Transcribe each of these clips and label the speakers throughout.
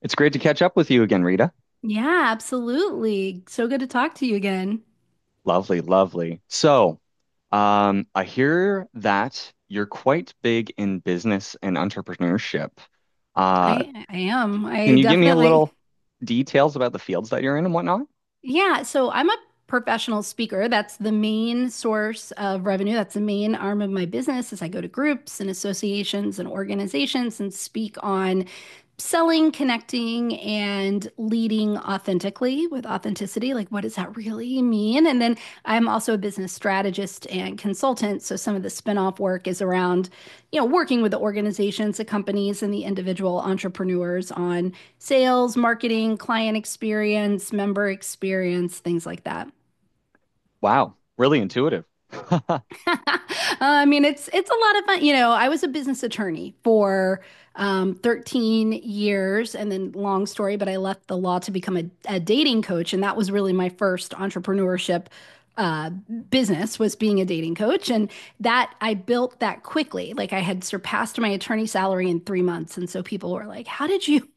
Speaker 1: It's great to catch up with you again, Rita.
Speaker 2: Yeah, absolutely. So good to talk to you again.
Speaker 1: Lovely, lovely. I hear that you're quite big in business and entrepreneurship. Uh,
Speaker 2: I am.
Speaker 1: can
Speaker 2: I
Speaker 1: you give me a
Speaker 2: definitely...
Speaker 1: little details about the fields that you're in and whatnot?
Speaker 2: Yeah, so I'm a professional speaker. That's the main source of revenue. That's the main arm of my business is I go to groups and associations and organizations and speak on selling, connecting, and leading authentically with authenticity. Like, what does that really mean? And then I'm also a business strategist and consultant. So some of the spinoff work is around, working with the organizations, the companies, and the individual entrepreneurs on sales, marketing, client experience, member experience, things like that.
Speaker 1: Wow, really intuitive.
Speaker 2: I mean, it's a lot of fun. You know, I was a business attorney for 13 years, and then long story, but I left the law to become a dating coach, and that was really my first entrepreneurship uh, business was being a dating coach, and that I built that quickly. Like I had surpassed my attorney salary in 3 months, and so people were like, "How did you?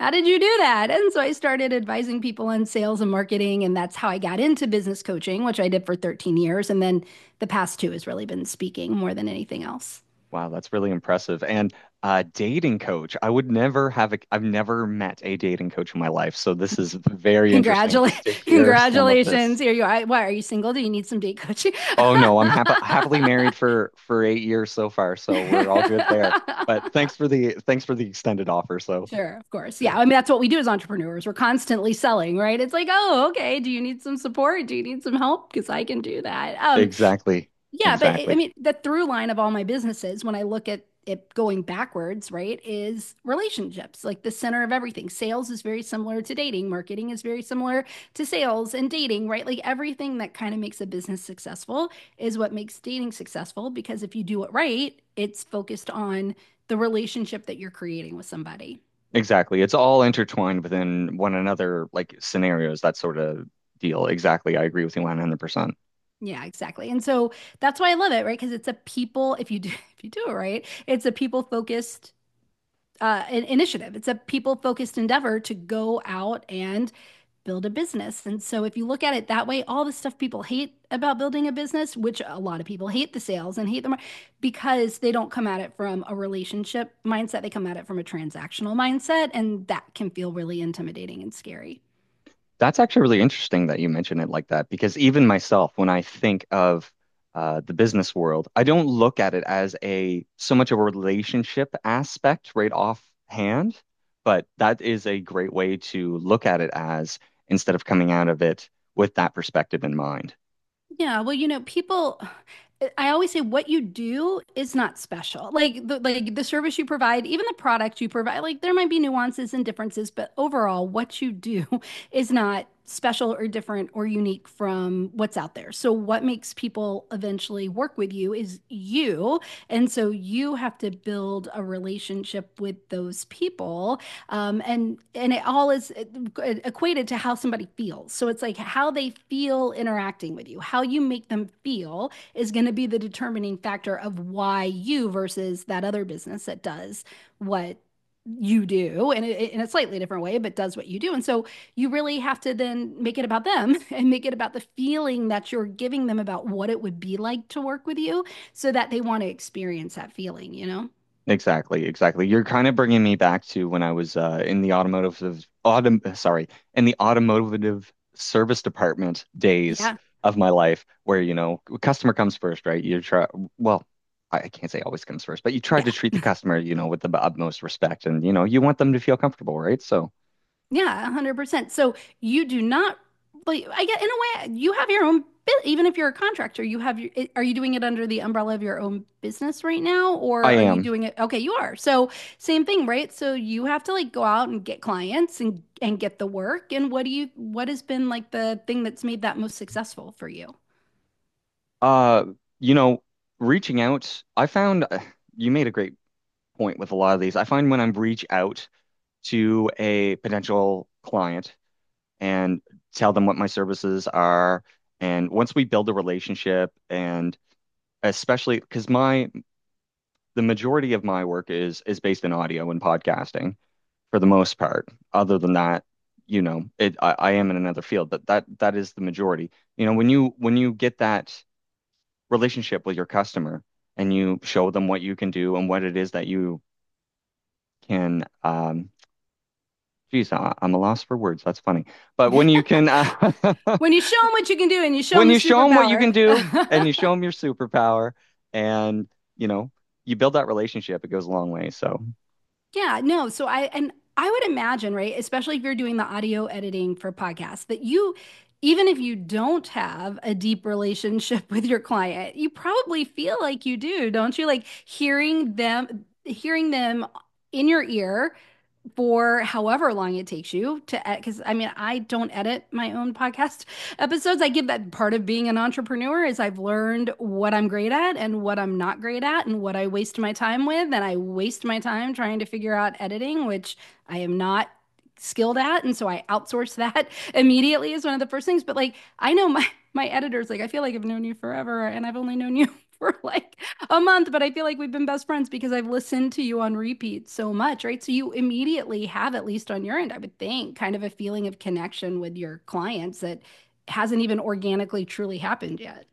Speaker 2: How did you do that?" And so I started advising people on sales and marketing. And that's how I got into business coaching, which I did for 13 years. And then the past two has really been speaking more than anything else.
Speaker 1: Wow, that's really impressive. And dating coach. I've never met a dating coach in my life, so this is very interesting
Speaker 2: Congratulations.
Speaker 1: just to hear some of this.
Speaker 2: Congratulations. Here you are. Why are you single? Do you need some date coaching?
Speaker 1: Oh no, I'm happily married for 8 years so far, so we're all good there. But thanks for the extended offer. So
Speaker 2: Sure, of course.
Speaker 1: yeah,
Speaker 2: Yeah. I mean, that's what we do as entrepreneurs. We're constantly selling, right? It's like, oh, okay. Do you need some support? Do you need some help? Because I can do that.
Speaker 1: exactly,
Speaker 2: Yeah, but it, I
Speaker 1: exactly,
Speaker 2: mean, the through line of all my businesses, when I look at it going backwards, right, is relationships, like the center of everything. Sales is very similar to dating, marketing is very similar to sales and dating, right? Like everything that kind of makes a business successful is what makes dating successful because if you do it right, it's focused on the relationship that you're creating with somebody.
Speaker 1: exactly. It's all intertwined within one another, like scenarios, that sort of deal. Exactly, I agree with you 100%.
Speaker 2: Yeah, exactly. And so that's why I love it, right? Because it's a people, if you do, if you do it right, it's a people focused an initiative. It's a people focused endeavor to go out and build a business. And so, if you look at it that way, all the stuff people hate about building a business, which a lot of people hate the sales and hate them because they don't come at it from a relationship mindset, they come at it from a transactional mindset. And that can feel really intimidating and scary.
Speaker 1: That's actually really interesting that you mention it like that because even myself, when I think of the business world, I don't look at it as a so much of a relationship aspect right offhand, but that is a great way to look at it as instead of coming out of it with that perspective in mind.
Speaker 2: Yeah, well, you know, people, I always say what you do is not special. Like the service you provide, even the product you provide, like there might be nuances and differences, but overall, what you do is not special or different or unique from what's out there. So what makes people eventually work with you is you. And so you have to build a relationship with those people and it all is equated to how somebody feels. So it's like how they feel interacting with you, how you make them feel is going to be the determining factor of why you versus that other business that does what you do and it, in a slightly different way but does what you do. And so you really have to then make it about them and make it about the feeling that you're giving them about what it would be like to work with you so that they want to experience that feeling, you know?
Speaker 1: Exactly, exactly. You're kind of bringing me back to when I was in the in the automotive service department days
Speaker 2: Yeah,
Speaker 1: of my life, where you know, customer comes first, right? Well, I can't say always comes first, but you try to
Speaker 2: yeah.
Speaker 1: treat the customer, you know, with the utmost respect, and you know, you want them to feel comfortable, right? So
Speaker 2: Yeah, 100%. So you do not, like, I get in a way, you have your own, bu- even if you're a contractor, you have your, I- are you doing it under the umbrella of your own business right now?
Speaker 1: I
Speaker 2: Or are you
Speaker 1: am,
Speaker 2: doing it? Okay, you are. So same thing, right? So you have to like go out and get clients and get the work. And what do you, what has been like the thing that's made that most successful for you?
Speaker 1: uh, you know, reaching out. I found you made a great point with a lot of these. I find when I'm reach out to a potential client, and tell them what my services are. And once we build a relationship and especially because my the majority of my work is based in audio and podcasting for the most part. Other than that, you know, I am in another field, but that is the majority. You know, when you get that relationship with your customer and you show them what you can do and what it is that you can geez, I'm a loss for words. That's funny. But when you can
Speaker 2: When you show them what you can do and you show them
Speaker 1: when
Speaker 2: the
Speaker 1: you show them what you
Speaker 2: superpower.
Speaker 1: can do and you show them your superpower, and you know, you build that relationship, it goes a long way. So
Speaker 2: Yeah, no. So I and I would imagine, right, especially if you're doing the audio editing for podcasts, that you even if you don't have a deep relationship with your client, you probably feel like you do, don't you? Like hearing them in your ear for however long it takes you to edit. Because I mean, I don't edit my own podcast episodes. I give that part of being an entrepreneur is I've learned what I'm great at and what I'm not great at and what I waste my time with. And I waste my time trying to figure out editing, which I am not skilled at. And so I outsource that immediately is one of the first things. But like, I know my, my editor's like, I feel like I've known you forever and I've only known you for like a month, but I feel like we've been best friends because I've listened to you on repeat so much, right? So you immediately have, at least on your end, I would think, kind of a feeling of connection with your clients that hasn't even organically truly happened yet.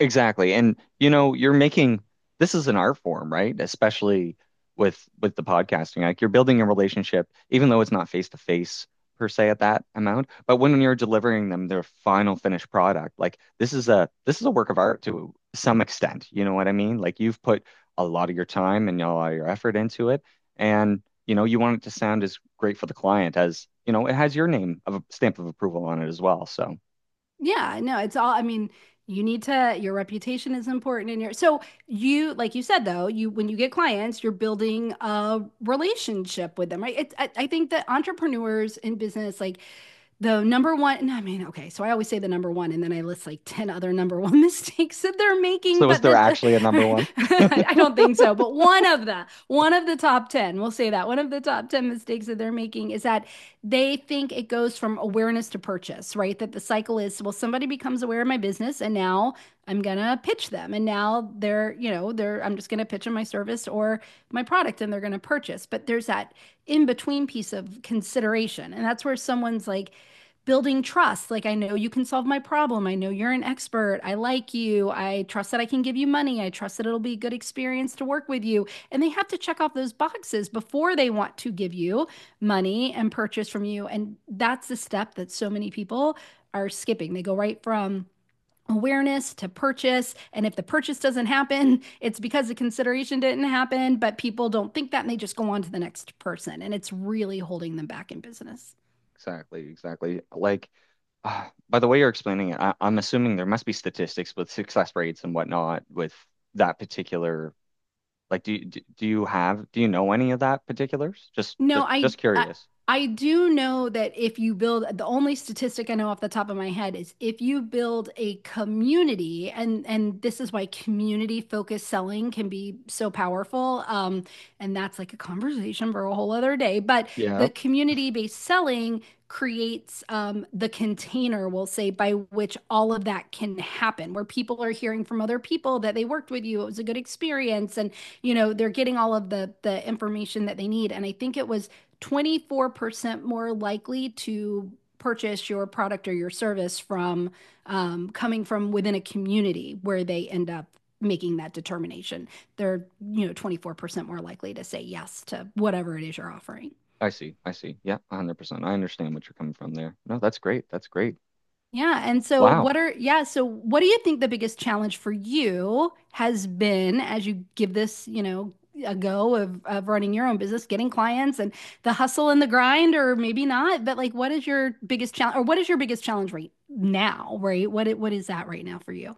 Speaker 1: exactly. And you know, you're making, this is an art form, right? Especially with the podcasting. Like you're building a relationship, even though it's not face to face per se at that amount. But when you're delivering them their final finished product, like this is a work of art to some extent. You know what I mean? Like you've put a lot of your time and a lot of your effort into it. And you know, you want it to sound as great for the client as, you know, it has your name of a stamp of approval on it as well. So
Speaker 2: Yeah, no, it's all, I mean, you need to, your reputation is important in your, so you, like you said, though, you, when you get clients, you're building a relationship with them, right? It's, I think that entrepreneurs in business, like the number one, and I mean, okay, so I always say the number one, and then I list like 10 other number one mistakes that they're making,
Speaker 1: so is
Speaker 2: but
Speaker 1: there
Speaker 2: then
Speaker 1: actually a number one?
Speaker 2: I don't think so. But one of the top 10, we'll say that one of the top 10 mistakes that they're making is that they think it goes from awareness to purchase, right? That the cycle is, well, somebody becomes aware of my business and now I'm going to pitch them. And now they're, you know, they're, I'm just going to pitch them my service or my product and they're going to purchase. But there's that in between piece of consideration. And that's where someone's like, building trust. Like, I know you can solve my problem, I know you're an expert, I like you, I trust that I can give you money, I trust that it'll be a good experience to work with you, and they have to check off those boxes before they want to give you money and purchase from you. And that's the step that so many people are skipping. They go right from awareness to purchase. And if the purchase doesn't happen, it's because the consideration didn't happen, but people don't think that and they just go on to the next person. And it's really holding them back in business.
Speaker 1: Exactly, exactly. Like, by the way you're explaining it, I'm assuming there must be statistics with success rates and whatnot with that particular. Like, do you have, do you know any of that particulars?
Speaker 2: No, I,
Speaker 1: Just
Speaker 2: I
Speaker 1: curious.
Speaker 2: I do know that if you build the only statistic I know off the top of my head is if you build a community and this is why community focused selling can be so powerful and that's like a conversation for a whole other day, but
Speaker 1: Yeah,
Speaker 2: the community based selling creates the container we'll say by which all of that can happen where people are hearing from other people that they worked with you, it was a good experience, and you know, they're getting all of the information that they need. And I think it was 24% more likely to purchase your product or your service from coming from within a community where they end up making that determination. They're, you know, 24% more likely to say yes to whatever it is you're offering.
Speaker 1: I see, I see. Yeah, 100%. I understand what you're coming from there. No, that's great. That's great.
Speaker 2: Yeah. And so
Speaker 1: Wow.
Speaker 2: what are, yeah, so what do you think the biggest challenge for you has been as you give this, you know, a go of running your own business, getting clients and the hustle and the grind, or maybe not, but like what is your biggest challenge or what is your biggest challenge right now, right? What it what is that right now for you?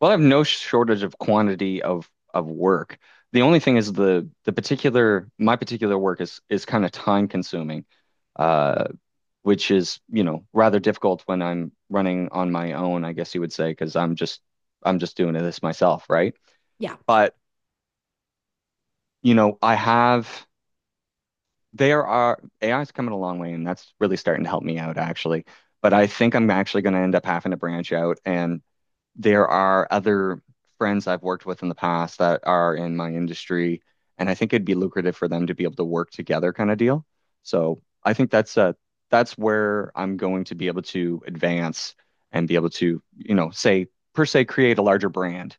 Speaker 1: Well, I have no shortage of quantity of work. The only thing is the particular my particular work is kind of time consuming. Uh, which is, you know, rather difficult when I'm running on my own, I guess you would say, because I'm just doing this myself, right?
Speaker 2: Yeah.
Speaker 1: But, you know, I have there are AI's coming a long way and that's really starting to help me out actually. But I think I'm actually going to end up having to branch out, and there are other friends I've worked with in the past that are in my industry, and I think it'd be lucrative for them to be able to work together kind of deal. So I think that's where I'm going to be able to advance and be able to, you know, say per se create a larger brand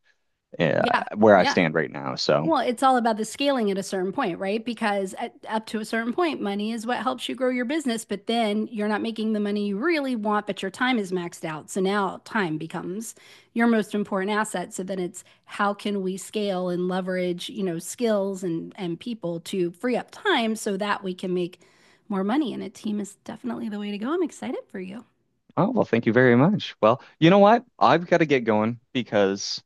Speaker 1: uh,
Speaker 2: Yeah.
Speaker 1: where I
Speaker 2: Yeah.
Speaker 1: stand right now. So,
Speaker 2: Well, it's all about the scaling at a certain point, right? Because at, up to a certain point, money is what helps you grow your business, but then you're not making the money you really want, but your time is maxed out. So now time becomes your most important asset. So then it's how can we scale and leverage, you know, skills and people to free up time so that we can make more money. And a team is definitely the way to go. I'm excited for you.
Speaker 1: oh well, thank you very much. Well, you know what? I've got to get going because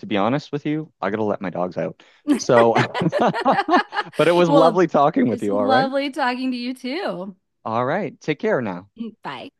Speaker 1: to be honest with you, I got to let my dogs out. So, but it was
Speaker 2: Well,
Speaker 1: lovely talking with
Speaker 2: it's
Speaker 1: you, all right?
Speaker 2: lovely talking to you too.
Speaker 1: All right. Take care now.
Speaker 2: Bye.